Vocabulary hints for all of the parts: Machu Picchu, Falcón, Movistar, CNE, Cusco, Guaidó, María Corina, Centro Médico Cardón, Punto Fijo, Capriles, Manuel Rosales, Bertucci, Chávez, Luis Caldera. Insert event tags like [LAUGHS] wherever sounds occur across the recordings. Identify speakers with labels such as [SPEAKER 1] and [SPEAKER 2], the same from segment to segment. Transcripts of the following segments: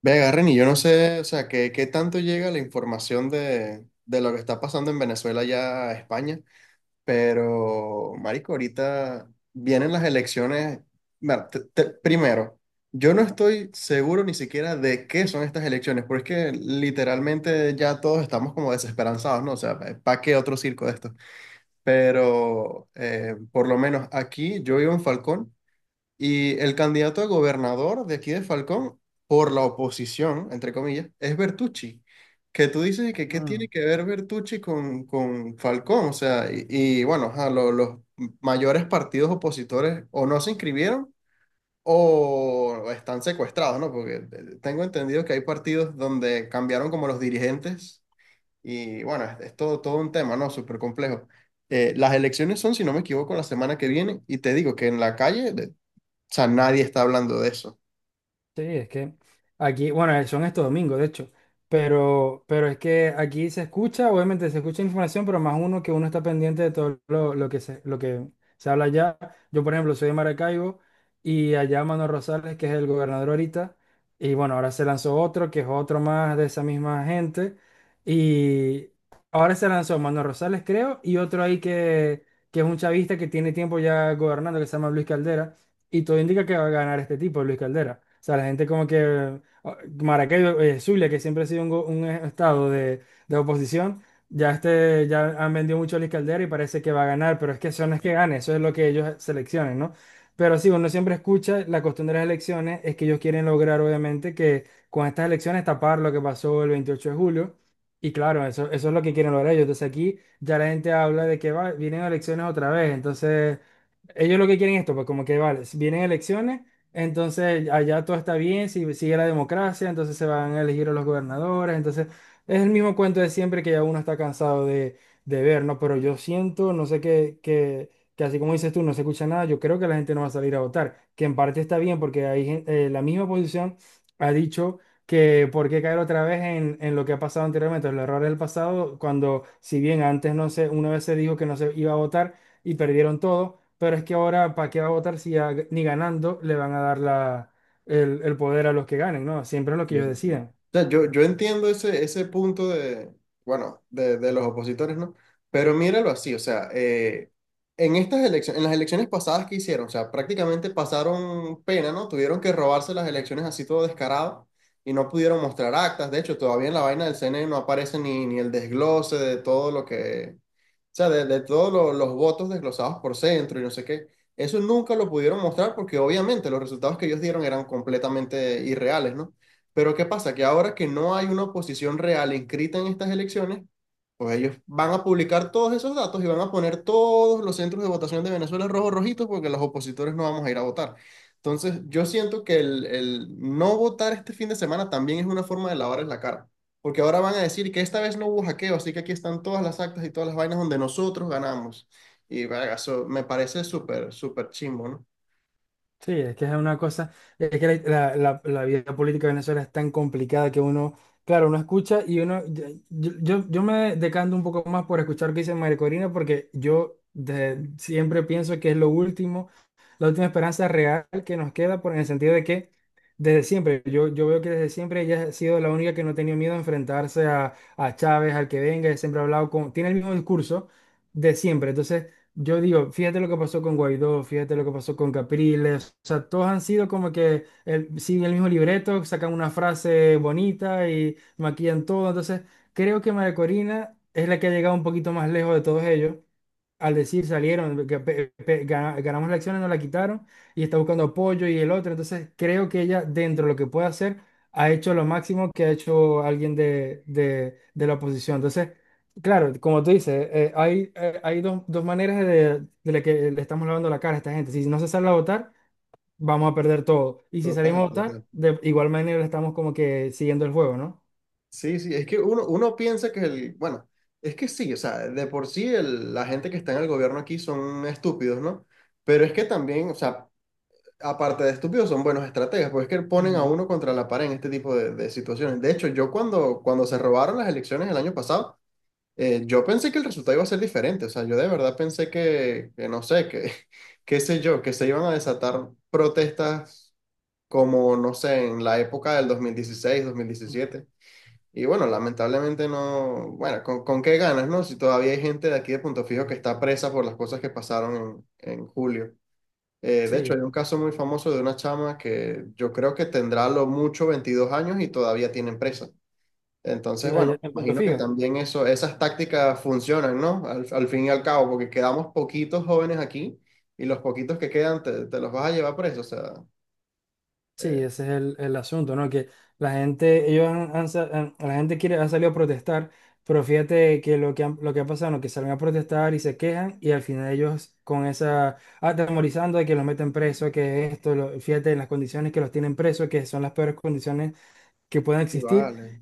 [SPEAKER 1] Ve, agarren y yo no sé, o sea, qué, tanto llega la información de lo que está pasando en Venezuela ya a España, pero, marico, ahorita vienen las elecciones. Bueno, primero, yo no estoy seguro ni siquiera de qué son estas elecciones, porque es que literalmente ya todos estamos como desesperanzados, ¿no? O sea, ¿para qué otro circo de esto? Pero, por lo menos aquí, yo vivo en Falcón. Y el candidato a gobernador de aquí de Falcón, por la oposición, entre comillas, es Bertucci. Que tú dices que qué tiene
[SPEAKER 2] Mm.
[SPEAKER 1] que ver Bertucci con Falcón. O sea, y bueno, ajá, los mayores partidos opositores o no se inscribieron o están secuestrados, ¿no? Porque tengo entendido que hay partidos donde cambiaron como los dirigentes y bueno, es todo, todo un tema, ¿no? Súper complejo. Las elecciones son, si no me equivoco, la semana que viene y te digo que en la calle, o sea, nadie está hablando de eso.
[SPEAKER 2] Sí, es que aquí, bueno, son estos domingos, de hecho, pero es que aquí se escucha, obviamente se escucha información, pero más uno que uno está pendiente de todo lo que se habla allá. Yo, por ejemplo, soy de Maracaibo y allá Manuel Rosales, que es el gobernador ahorita, y bueno, ahora se lanzó otro, que es otro más de esa misma gente, y ahora se lanzó Manuel Rosales, creo, y otro ahí que es un chavista que tiene tiempo ya gobernando, que se llama Luis Caldera. Y todo indica que va a ganar este tipo, Luis Caldera. O sea, la gente como que Maracaibo, Zulia, que siempre ha sido un estado de oposición, ya han vendido mucho a Luis Caldera y parece que va a ganar, pero es que eso no es que gane, eso es lo que ellos seleccionen, ¿no? Pero sí, uno siempre escucha, la costumbre de las elecciones es que ellos quieren lograr, obviamente, que con estas elecciones tapar lo que pasó el 28 de julio. Y claro, eso es lo que quieren lograr ellos. Entonces aquí ya la gente habla de que vienen elecciones otra vez. Entonces... Ellos lo que quieren es esto, pues como que vale, si vienen elecciones, entonces allá todo está bien, si sigue la democracia, entonces se van a elegir a los gobernadores, entonces es el mismo cuento de siempre que ya uno está cansado de, ver, ¿no? Pero yo siento, no sé qué, que así como dices tú, no se escucha nada, yo creo que la gente no va a salir a votar, que en parte está bien porque hay, la misma oposición ha dicho que por qué caer otra vez en lo que ha pasado anteriormente, los errores del pasado, cuando si bien antes no sé, una vez se dijo que no se iba a votar y perdieron todo. Pero es que ahora, ¿para qué va a votar si ya ni ganando le van a dar el poder a los que ganen? ¿No? Siempre es lo que ellos decidan.
[SPEAKER 1] O sea, yo entiendo ese, ese punto de, bueno, de los opositores, ¿no? Pero míralo así, o sea, en estas elecciones, en las elecciones pasadas que hicieron, o sea, prácticamente pasaron pena, ¿no? Tuvieron que robarse las elecciones así todo descarado y no pudieron mostrar actas. De hecho, todavía en la vaina del CNE no aparece ni, ni el desglose de todo lo que... O sea, de todos los votos desglosados por centro y no sé qué. Eso nunca lo pudieron mostrar porque obviamente los resultados que ellos dieron eran completamente irreales, ¿no? Pero ¿qué pasa? Que ahora que no hay una oposición real inscrita en estas elecciones, pues ellos van a publicar todos esos datos y van a poner todos los centros de votación de Venezuela rojos rojitos porque los opositores no vamos a ir a votar. Entonces, yo siento que el no votar este fin de semana también es una forma de lavarles la cara. Porque ahora van a decir que esta vez no hubo hackeo, así que aquí están todas las actas y todas las vainas donde nosotros ganamos. Y verga, eso me parece súper, súper chimbo, ¿no?
[SPEAKER 2] Sí, es que es una cosa, es que la vida política de Venezuela es tan complicada que uno, claro, uno escucha y yo me decanto un poco más por escuchar lo que dice María Corina porque yo siempre pienso que es lo último, la última esperanza real que nos queda, por, en el sentido de que desde siempre, yo veo que desde siempre ella ha sido la única que no ha tenido miedo a enfrentarse a Chávez, al que venga, ella siempre ha hablado con, tiene el mismo discurso de siempre, entonces... Yo digo, fíjate lo que pasó con Guaidó, fíjate lo que pasó con Capriles, o sea, todos han sido como que el, siguen el mismo libreto, sacan una frase bonita y maquillan todo, entonces creo que María Corina es la que ha llegado un poquito más lejos de todos ellos, al decir salieron, que ganamos la acción, nos la quitaron y está buscando apoyo y el otro. Entonces creo que ella, dentro de lo que puede hacer, ha hecho lo máximo que ha hecho alguien de, de la oposición. Entonces, claro, como tú dices, hay dos maneras de la que le estamos lavando la cara a esta gente. Si no se sale a votar, vamos a perder todo. Y si salimos
[SPEAKER 1] Total,
[SPEAKER 2] a
[SPEAKER 1] total.
[SPEAKER 2] votar, de igual manera estamos como que siguiendo el juego, ¿no?
[SPEAKER 1] Sí, sí, es que uno, uno piensa que el, bueno, es que sí, o sea, de por sí la gente que está en el gobierno aquí son estúpidos, ¿no? Pero es que también, o sea, aparte de estúpidos, son buenos estrategas, pues es que ponen a
[SPEAKER 2] Ujú,
[SPEAKER 1] uno contra la pared en este tipo de situaciones. De hecho, yo cuando se robaron las elecciones el año pasado, yo pensé que el resultado iba a ser diferente, o sea, yo de verdad pensé que no sé, que [LAUGHS] qué sé yo, que se iban a desatar protestas como, no sé, en la época del 2016,
[SPEAKER 2] ujú.
[SPEAKER 1] 2017. Y bueno, lamentablemente no, bueno, con qué ganas, no? Si todavía hay gente de aquí de Punto Fijo que está presa por las cosas que pasaron en julio. De hecho,
[SPEAKER 2] Sí,
[SPEAKER 1] hay un caso muy famoso de una chama que yo creo que tendrá a lo mucho 22 años y todavía tiene presa. Entonces,
[SPEAKER 2] sí,
[SPEAKER 1] bueno,
[SPEAKER 2] en Punto
[SPEAKER 1] imagino que
[SPEAKER 2] Fijo.
[SPEAKER 1] también eso, esas tácticas funcionan, ¿no? Al, al fin y al cabo, porque quedamos poquitos jóvenes aquí y los poquitos que quedan te, te los vas a llevar preso, o sea,
[SPEAKER 2] Sí,
[SPEAKER 1] eh,
[SPEAKER 2] ese es el asunto, ¿no? Que la gente, ellos la gente quiere, ha salido a protestar, pero fíjate que lo que, lo que ha pasado, ¿no? Que salen a protestar y se quejan y al final ellos con esa, atemorizando de que los meten preso, que esto, fíjate en las condiciones que los tienen presos, que son las peores condiciones que pueden
[SPEAKER 1] y
[SPEAKER 2] existir
[SPEAKER 1] vale,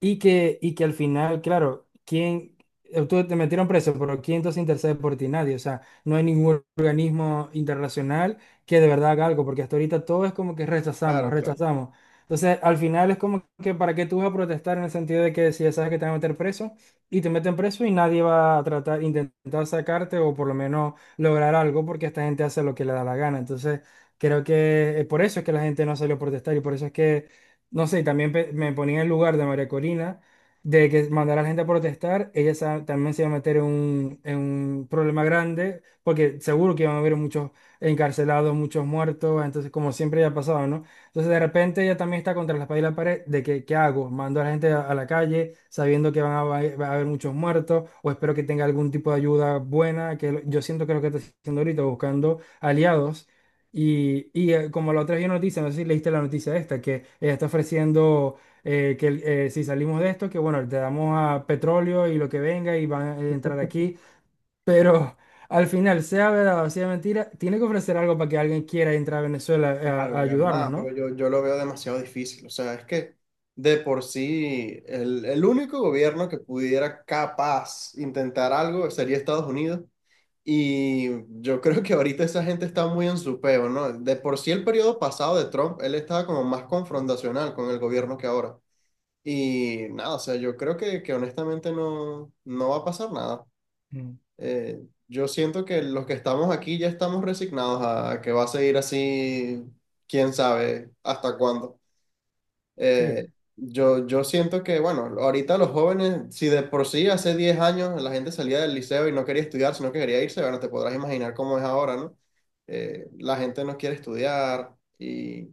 [SPEAKER 2] y que al final, claro, ¿quién? Tú te metieron preso, pero ¿quién entonces intercede por ti? Nadie. O sea, no hay ningún organismo internacional que de verdad haga algo, porque hasta ahorita todo es como que rechazamos,
[SPEAKER 1] claro, claro,
[SPEAKER 2] rechazamos. Entonces, al final es como que para qué tú vas a protestar en el sentido de que si ya sabes que te van a meter preso y te meten preso y nadie va a tratar, intentar sacarte o por lo menos lograr algo, porque esta gente hace lo que le da la gana. Entonces, creo que por eso es que la gente no salió a protestar y por eso es que no sé, y también me ponía en el lugar de María Corina, de que mandar a la gente a protestar, ella también se iba a meter en un problema grande, porque seguro que iban a haber muchos encarcelados, muchos muertos, entonces como siempre ya ha pasado, ¿no? Entonces de repente ella también está contra la espada y la pared de que, ¿qué hago? ¿Mando a la gente a la calle sabiendo que va a haber muchos muertos? ¿O espero que tenga algún tipo de ayuda buena? Que yo siento que es lo que está haciendo ahorita, buscando aliados como la otra vez vi noticia, no sé si leíste la noticia esta, que ella está ofreciendo que si salimos de esto, que bueno, te damos a petróleo y lo que venga y van a entrar aquí, pero [LAUGHS] al final, sea verdad o sea mentira, tiene que ofrecer algo para que alguien quiera entrar a Venezuela
[SPEAKER 1] claro,
[SPEAKER 2] a
[SPEAKER 1] claro,
[SPEAKER 2] ayudarnos,
[SPEAKER 1] nada,
[SPEAKER 2] ¿no?
[SPEAKER 1] pero yo lo veo demasiado difícil, o sea, es que de por sí el único gobierno que pudiera capaz intentar algo sería Estados Unidos. Y yo creo que ahorita esa gente está muy en su peo, ¿no? De por sí el periodo pasado de Trump, él estaba como más confrontacional con el gobierno que ahora. Y nada, o sea, yo creo que honestamente no, no va a pasar nada.
[SPEAKER 2] Mm.
[SPEAKER 1] Eh, yo siento que los que estamos aquí ya estamos resignados a que va a seguir así, quién sabe hasta cuándo.
[SPEAKER 2] Sí.
[SPEAKER 1] Eh, yo, yo siento que, bueno, ahorita los jóvenes, si de por sí hace 10 años la gente salía del liceo y no quería estudiar, sino que quería irse, bueno, te podrás imaginar cómo es ahora, ¿no? La gente no quiere estudiar y,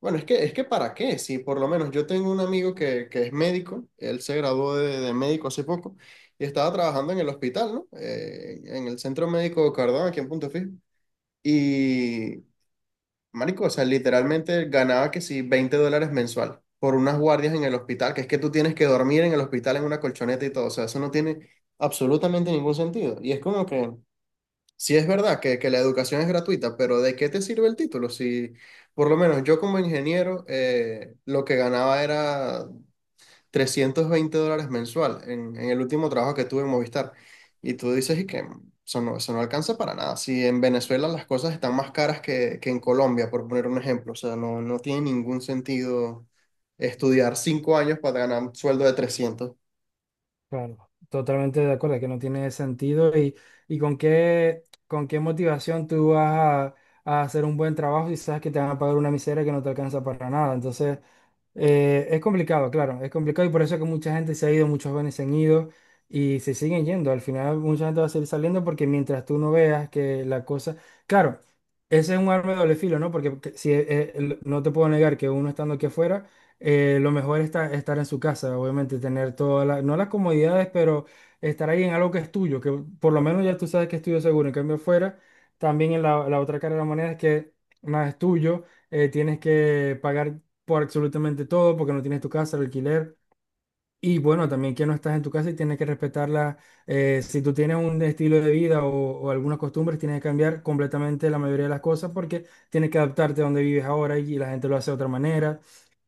[SPEAKER 1] bueno, es que ¿para qué? Si por lo menos yo tengo un amigo que es médico, él se graduó de médico hace poco y estaba trabajando en el hospital, ¿no? En el Centro Médico Cardón, aquí en Punto Fijo. Y marico, o sea, literalmente ganaba que sí, $20 mensual por unas guardias en el hospital, que es que tú tienes que dormir en el hospital en una colchoneta y todo, o sea, eso no tiene absolutamente ningún sentido. Y es como que, sí es verdad que la educación es gratuita, pero ¿de qué te sirve el título? Si, por lo menos yo como ingeniero, lo que ganaba era $320 mensual en el último trabajo que tuve en Movistar. Y tú dices y que eso no alcanza para nada. Si en Venezuela las cosas están más caras que en Colombia, por poner un ejemplo, o sea, no, no tiene ningún sentido estudiar 5 años para ganar un sueldo de 300.
[SPEAKER 2] Claro, totalmente de acuerdo, que no tiene sentido y con qué motivación tú vas a hacer un buen trabajo y sabes que te van a pagar una miseria que no te alcanza para nada. Entonces, es complicado, claro, es complicado y por eso es que mucha gente se ha ido, muchos jóvenes se han ido y se siguen yendo. Al final mucha gente va a seguir saliendo porque mientras tú no veas que la cosa... Claro, ese es un arma de doble filo, ¿no? Porque no te puedo negar que uno estando aquí afuera lo mejor es estar en su casa, obviamente, tener todas las, no las comodidades, pero estar ahí en algo que es tuyo, que por lo menos ya tú sabes que es tuyo seguro. En cambio, fuera, también en la otra cara de la moneda es que nada es tuyo, tienes que pagar por absolutamente todo porque no tienes tu casa, el alquiler. Y bueno, también que no estás en tu casa y tienes que respetarla. Si tú tienes un estilo de vida o algunas costumbres, tienes que cambiar completamente la mayoría de las cosas porque tienes que adaptarte a donde vives ahora y la gente lo hace de otra manera.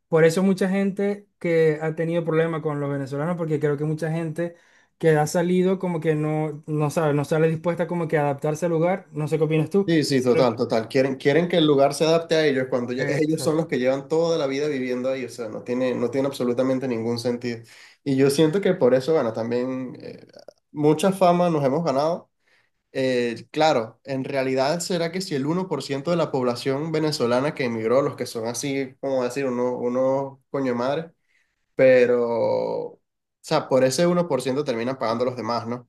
[SPEAKER 2] Por eso mucha gente que ha tenido problemas con los venezolanos, porque creo que mucha gente que ha salido como que no, no sabe, no sale dispuesta como que a adaptarse al lugar, no sé qué opinas tú,
[SPEAKER 1] Sí, sí,
[SPEAKER 2] sino-
[SPEAKER 1] total, total. Quieren, quieren que el lugar se adapte a ellos cuando ellos son los
[SPEAKER 2] Exacto.
[SPEAKER 1] que llevan toda la vida viviendo ahí. O sea, no tiene, no tiene absolutamente ningún sentido. Y yo siento que por eso, bueno, también mucha fama nos hemos ganado. Claro, en realidad será que si el 1% de la población venezolana que emigró, los que son así, como decir, uno, uno coño de madre, pero, o sea, por ese 1% terminan pagando los demás, ¿no?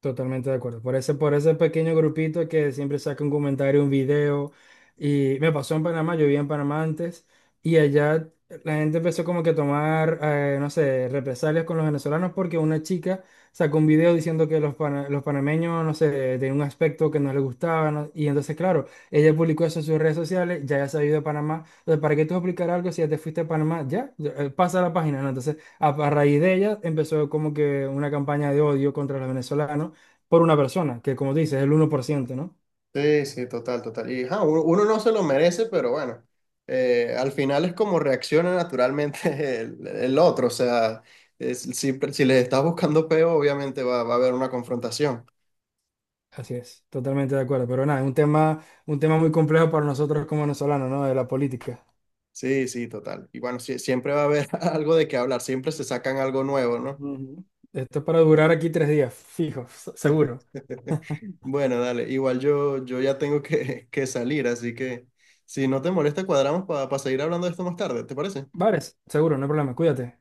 [SPEAKER 2] Totalmente de acuerdo. Por ese pequeño grupito que siempre saca un comentario, un video. Y me pasó en Panamá, yo vivía en Panamá antes, y allá la gente empezó como que a tomar, no sé, represalias con los venezolanos porque una chica sacó un video diciendo que los panameños, no sé, tenían un aspecto que no les gustaba, ¿no? Y entonces, claro, ella publicó eso en sus redes sociales, ya se ha ido de Panamá. Entonces, ¿para qué tú explicar algo si ya te fuiste a Panamá? Ya, ya, pasa la página, ¿no? Entonces, a raíz de ella empezó como que una campaña de odio contra los venezolanos por una persona, que como dices, es el 1%, ¿no?
[SPEAKER 1] Sí, sí, total, total. Y ajá, uno, uno no se lo merece, pero bueno, al final es como reacciona naturalmente [LAUGHS] el otro, o sea, si, si les estás buscando peo, obviamente va, va a haber una confrontación.
[SPEAKER 2] Así es, totalmente de acuerdo. Pero nada, es un tema muy complejo para nosotros como venezolanos, ¿no? De la política.
[SPEAKER 1] Sí, sí, total. Y bueno, sí, siempre va a haber [LAUGHS] algo de qué hablar, siempre se sacan algo nuevo, ¿no?
[SPEAKER 2] Ujú. Esto es para durar aquí 3 días, fijo, seguro.
[SPEAKER 1] [LAUGHS] Bueno, dale, igual yo, yo ya tengo que salir, así que si no te molesta, cuadramos para seguir hablando de esto más tarde, ¿te parece?
[SPEAKER 2] Bares, seguro, no hay problema, cuídate.